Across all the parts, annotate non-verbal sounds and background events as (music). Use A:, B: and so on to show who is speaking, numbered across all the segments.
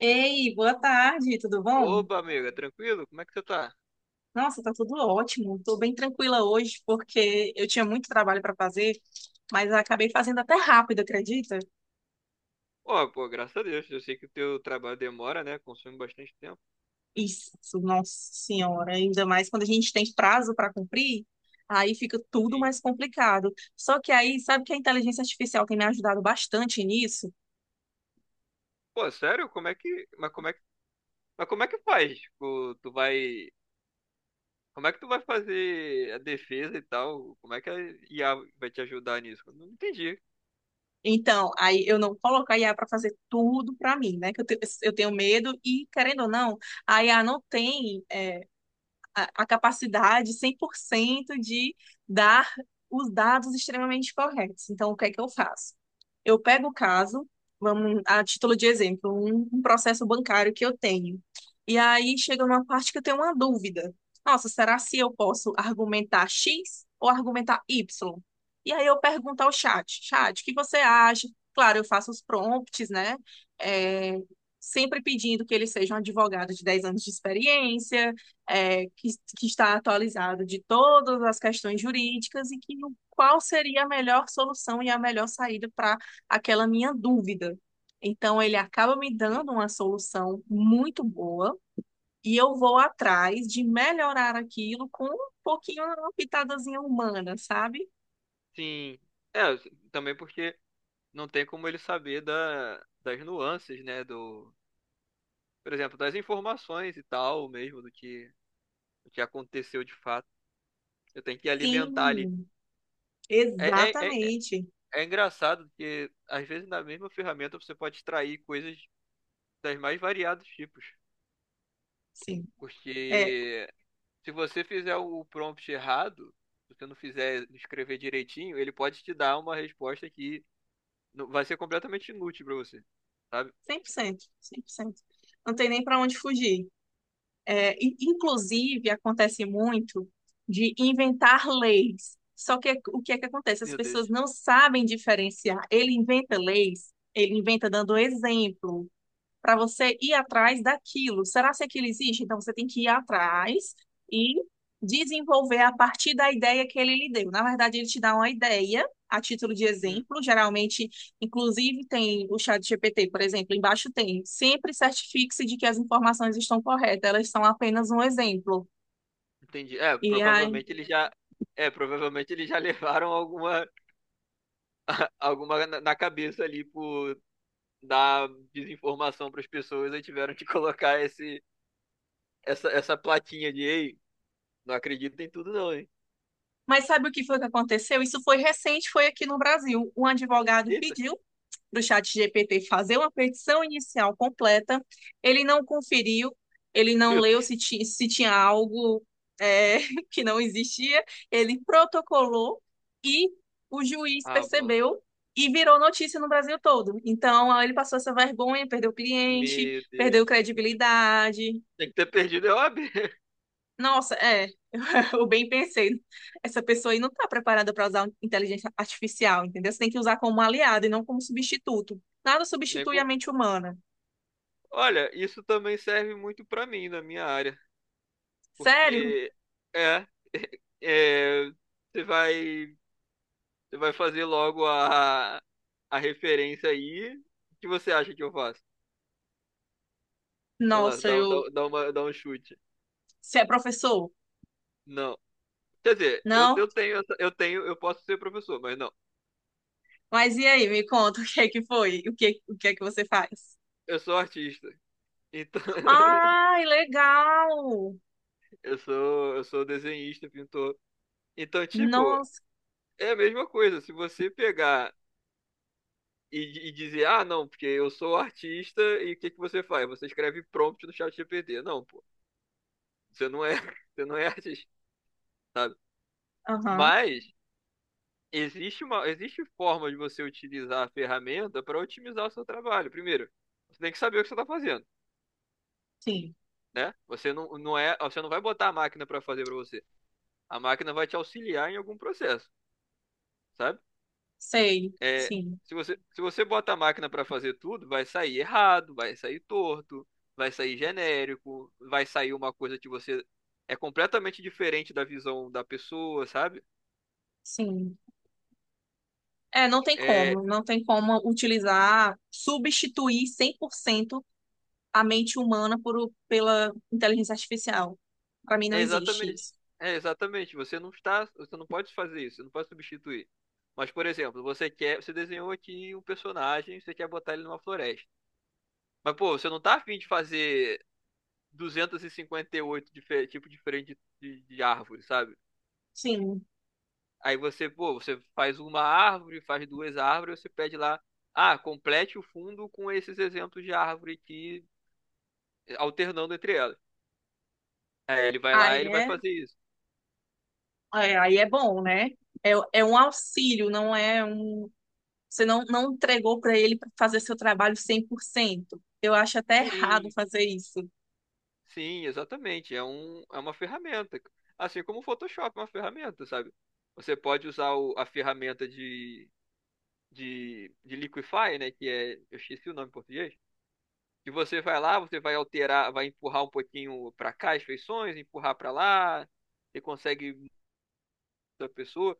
A: Ei, boa tarde, tudo bom?
B: Oba, amiga, tranquilo? Como é que você tá?
A: Nossa, tá tudo ótimo. Tô bem tranquila hoje porque eu tinha muito trabalho para fazer, mas acabei fazendo até rápido, acredita?
B: Ó, pô, graças a Deus. Eu sei que o teu trabalho demora, né? Consome bastante tempo.
A: Isso, nossa senhora, ainda mais quando a gente tem prazo para cumprir, aí fica tudo
B: E,
A: mais complicado. Só que aí, sabe que a inteligência artificial tem me ajudado bastante nisso?
B: pô, sério? Mas como é que faz? Tipo, como é que tu vai fazer a defesa e tal? Como é que a IA vai te ajudar nisso? Eu não entendi.
A: Então, aí eu não coloco a IA para fazer tudo para mim, né? Que eu tenho medo e, querendo ou não, a IA não tem a capacidade 100% de dar os dados extremamente corretos. Então, o que é que eu faço? Eu pego o caso, vamos, a título de exemplo, um processo bancário que eu tenho. E aí chega numa parte que eu tenho uma dúvida. Nossa, será se eu posso argumentar X ou argumentar Y? E aí eu pergunto ao chat, chat, o que você acha? Claro, eu faço os prompts, né? É, sempre pedindo que ele seja um advogado de 10 anos de experiência, é, que, que está atualizado de todas as questões jurídicas e que o- qual seria a melhor solução e a melhor saída para aquela minha dúvida. Então, ele acaba me
B: Sim.
A: dando uma solução muito boa e eu vou atrás de melhorar aquilo com um pouquinho, uma pitadazinha humana, sabe?
B: Sim. É, também porque não tem como ele saber das nuances, né? Por exemplo, das informações e tal, do que aconteceu de fato. Eu tenho que alimentar ali.
A: Sim,
B: É, é, é
A: exatamente.
B: É engraçado porque, às vezes, na mesma ferramenta você pode extrair coisas das mais variados tipos.
A: Sim, é
B: Porque se você fizer o prompt errado, se você não fizer, não escrever direitinho, ele pode te dar uma resposta que vai ser completamente inútil para você, sabe?
A: cem por cento, 100%. Não tem nem para onde fugir. É, inclusive, acontece muito de inventar leis. Só que é, o que é que acontece? As
B: Meu
A: pessoas
B: Deus.
A: não sabem diferenciar. Ele inventa leis, ele inventa dando exemplo para você ir atrás daquilo. Será se aquilo existe? Então você tem que ir atrás e desenvolver a partir da ideia que ele lhe deu. Na verdade, ele te dá uma ideia a título de
B: Hum,
A: exemplo. Geralmente, inclusive, tem o chat GPT, por exemplo, embaixo tem. Sempre certifique-se de que as informações estão corretas, elas são apenas um exemplo.
B: entendi.
A: E aí.
B: É, provavelmente eles já (laughs) levaram alguma na cabeça ali por dar desinformação para as pessoas e tiveram que colocar esse essa, essa plaquinha de ei, não acredito em tudo, não, hein?
A: Mas sabe o que foi que aconteceu? Isso foi recente, foi aqui no Brasil. Um advogado
B: Eita, (laughs)
A: pediu para o chat GPT fazer uma petição inicial completa, ele não conferiu, ele não
B: meu
A: leu
B: Deus.
A: se tinha algo é, (laughs) que não existia, ele protocolou e o juiz
B: Ah, mano.
A: percebeu e virou notícia no Brasil todo. Então, aí ele passou essa vergonha, perdeu cliente,
B: Meu Deus.
A: perdeu credibilidade,
B: Tem que ter perdido é O a OAB. (laughs)
A: nossa, é. (laughs) Eu bem pensei. Essa pessoa aí não está preparada para usar inteligência artificial, entendeu? Você tem que usar como aliado e não como substituto. Nada
B: Nem
A: substitui a
B: com-
A: mente humana.
B: Olha, isso também serve muito pra mim, na minha área.
A: Sério?
B: Porque, é, (laughs) é, você vai, você vai fazer logo a referência aí. O que você acha que eu faço? Vamos lá,
A: Nossa, eu.
B: dá um chute.
A: Você é professor?
B: Não. Quer dizer,
A: Não?
B: eu tenho, eu posso ser professor, mas não.
A: Mas e aí, me conta o que é que foi? O que é que você faz?
B: Eu sou artista. Então, (laughs)
A: Ai, legal!
B: eu sou desenhista, pintor. Então, tipo,
A: Nossa.
B: é a mesma coisa. Se você pegar e dizer, ah, não, porque eu sou artista e o que que você faz? Você escreve prompt no chat GPT. Não, pô. Você não é, (laughs) você não é artista, sabe?
A: Aham,
B: Mas existe forma de você utilizar a ferramenta para otimizar o seu trabalho. Primeiro, você tem que saber o que você está fazendo,
A: sim.
B: né? Você não vai botar a máquina para fazer para você. A máquina vai te auxiliar em algum processo, sabe?
A: Sei,
B: É,
A: sim,
B: se você bota a máquina para fazer tudo, vai sair errado, vai sair torto, vai sair genérico, vai sair uma coisa que você é completamente diferente da visão da pessoa, sabe?
A: sim. É, não tem
B: É,
A: como, não tem como utilizar, substituir 100% a mente humana pela inteligência artificial. Para mim
B: é
A: não existe
B: exatamente,
A: isso.
B: é exatamente. Você não pode fazer isso, você não pode substituir. Mas, por exemplo, você desenhou aqui um personagem, você quer botar ele numa floresta. Mas, pô, você não tá afim de fazer 258 tipo diferente de árvore, sabe?
A: Sim,
B: Aí você, pô, você faz uma árvore, faz duas árvores, você pede lá, ah, complete o fundo com esses exemplos de árvore aqui, alternando entre elas. Aí ele vai lá
A: aí
B: e ele vai
A: é,
B: fazer isso.
A: aí é bom, né? É, é um auxílio, não é um. Você não, não entregou para ele para fazer seu trabalho 100%. Eu acho até errado
B: Sim,
A: fazer isso.
B: sim, exatamente. É um, é uma ferramenta. Assim como o Photoshop é uma ferramenta, sabe? Você pode usar a ferramenta de Liquify, né? Que é, eu esqueci o nome em português. Que você vai lá, você vai alterar, vai empurrar um pouquinho para cá as feições, empurrar para lá. Você consegue da pessoa.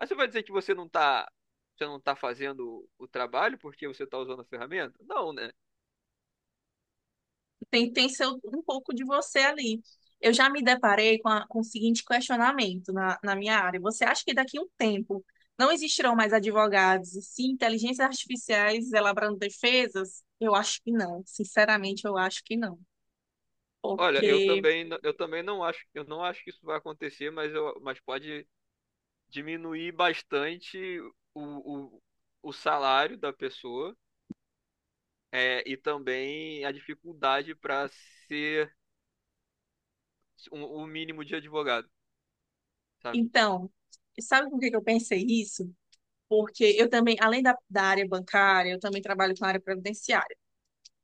B: Aí você vai dizer que você não tá fazendo o trabalho porque você tá usando a ferramenta? Não, né?
A: Tem um pouco de você ali. Eu já me deparei com, com o seguinte questionamento na minha área. Você acha que daqui a um tempo não existirão mais advogados e sim inteligências artificiais elaborando defesas? Eu acho que não. Sinceramente, eu acho que não.
B: Olha,
A: Porque,
B: eu também não acho, eu não acho que isso vai acontecer, mas, mas pode diminuir bastante o, o, o salário da pessoa, é, e também a dificuldade para ser o mínimo de advogado, sabe?
A: então, sabe por que que eu pensei isso? Porque eu também, além da área bancária, eu também trabalho com a área previdenciária.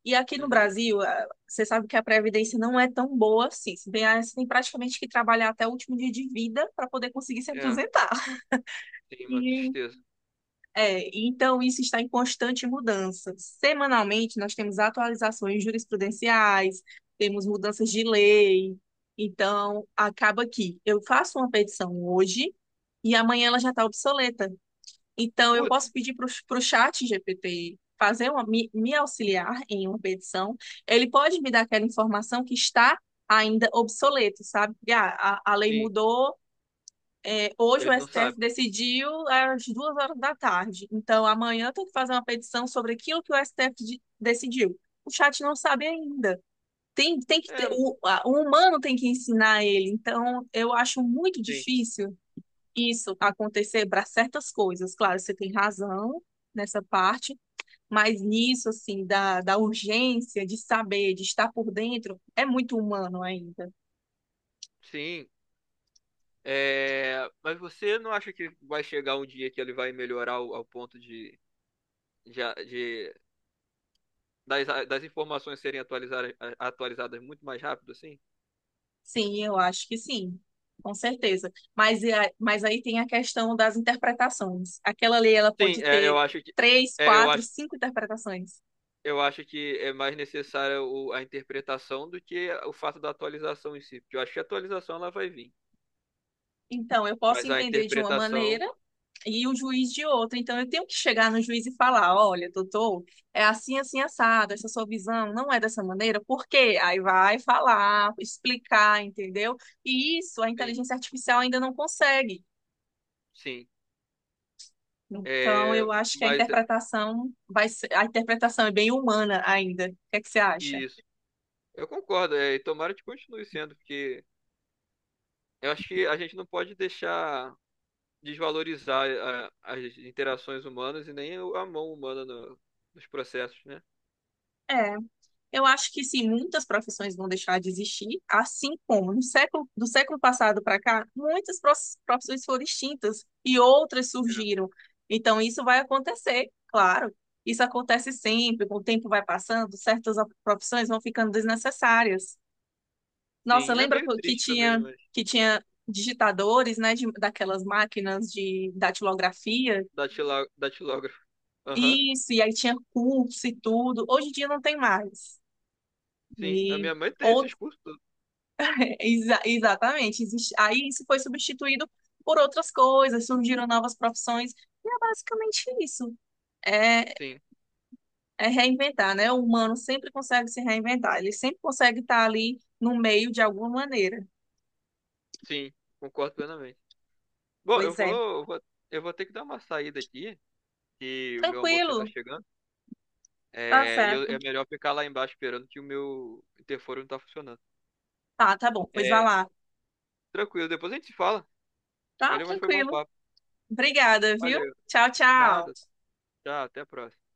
A: E aqui no
B: Uhum.
A: Brasil, você sabe que a previdência não é tão boa assim. Se bem, ah, você tem praticamente que trabalhar até o último dia de vida para poder conseguir se
B: É,
A: aposentar. (laughs)
B: tem uma
A: E,
B: tristeza.
A: então, isso está em constante mudança. Semanalmente, nós temos atualizações jurisprudenciais, temos mudanças de lei. Então, acaba que eu faço uma petição hoje e amanhã ela já está obsoleta. Então, eu
B: Putz,
A: posso pedir para o chat GPT fazer me auxiliar em uma petição. Ele pode me dar aquela informação que está ainda obsoleta, sabe? Porque, ah, a lei
B: sim,
A: mudou, hoje o
B: ele não
A: STF
B: sabe.
A: decidiu às 2 horas da tarde. Então, amanhã eu tenho que fazer uma petição sobre aquilo que o STF decidiu. O chat não sabe ainda. Tem que ter,
B: É,
A: o humano tem que ensinar ele. Então, eu acho muito
B: sim,
A: difícil isso acontecer para certas coisas. Claro, você tem razão nessa parte, mas nisso, assim, da urgência de saber, de estar por dentro, é muito humano ainda.
B: sim. É, mas você não acha que vai chegar um dia que ele vai melhorar ao ponto de, de- das informações serem atualizadas muito mais rápido, assim?
A: Sim, eu acho que sim, com certeza. Mas, mas aí tem a questão das interpretações. Aquela lei, ela
B: Sim,
A: pode
B: é, eu
A: ter
B: acho que
A: três,
B: é, eu
A: quatro,
B: acho,
A: cinco interpretações.
B: eu acho que é mais necessária a interpretação do que o fato da atualização em si. Porque eu acho que a atualização ela vai vir,
A: Então, eu posso
B: mas a
A: entender de uma
B: interpretação,
A: maneira e o juiz de outra. Então, eu tenho que chegar no juiz e falar: olha, doutor, é assim, assim, assado, essa sua visão não é dessa maneira, por quê? Aí vai falar, explicar, entendeu? E isso a
B: sim,
A: inteligência artificial ainda não consegue.
B: sim.
A: Então,
B: É,
A: eu acho que a
B: mas é,
A: interpretação vai ser, a interpretação é bem humana ainda. O que é que você acha?
B: isso, eu concordo. É, e tomara que continue sendo, porque eu acho que a gente não pode deixar desvalorizar as interações humanas e nem a mão humana nos processos, né?
A: É, Eu acho que sim, muitas profissões vão deixar de existir, assim como no século, do século passado para cá, profissões foram extintas e outras
B: É.
A: surgiram. Então, isso vai acontecer, claro. Isso acontece sempre, com o tempo vai passando, profissões vão ficando desnecessárias. Nossa,
B: Sim, é
A: lembra
B: meio
A: co- que
B: triste também,
A: tinha,
B: mas
A: que tinha digitadores, né, daquelas máquinas de datilografia?
B: datilógrafo. Aham,
A: Isso, e aí tinha curso e tudo. Hoje em dia não tem mais.
B: sim, a
A: E
B: minha mãe tem
A: ou
B: esses cursos todos.
A: Exatamente. Aí isso foi substituído por outras coisas, surgiram novas profissões, e é basicamente isso. É,
B: Sim,
A: é reinventar, né? O humano sempre consegue se reinventar, ele sempre consegue estar ali no meio de alguma maneira.
B: sim, concordo plenamente. Bom,
A: Pois é.
B: eu vou, eu vou ter que dar uma saída aqui, que o meu almoço já tá
A: Tranquilo,
B: chegando.
A: tá
B: É, e
A: certo.
B: é melhor ficar lá embaixo esperando que o meu interfone não tá funcionando.
A: Tá, tá bom, pois vai
B: É,
A: lá.
B: tranquilo, depois a gente se fala.
A: Tá,
B: Valeu, mas foi bom
A: tranquilo.
B: papo.
A: Obrigada, viu?
B: Valeu,
A: Tchau, tchau.
B: nada. Tchau, até a próxima.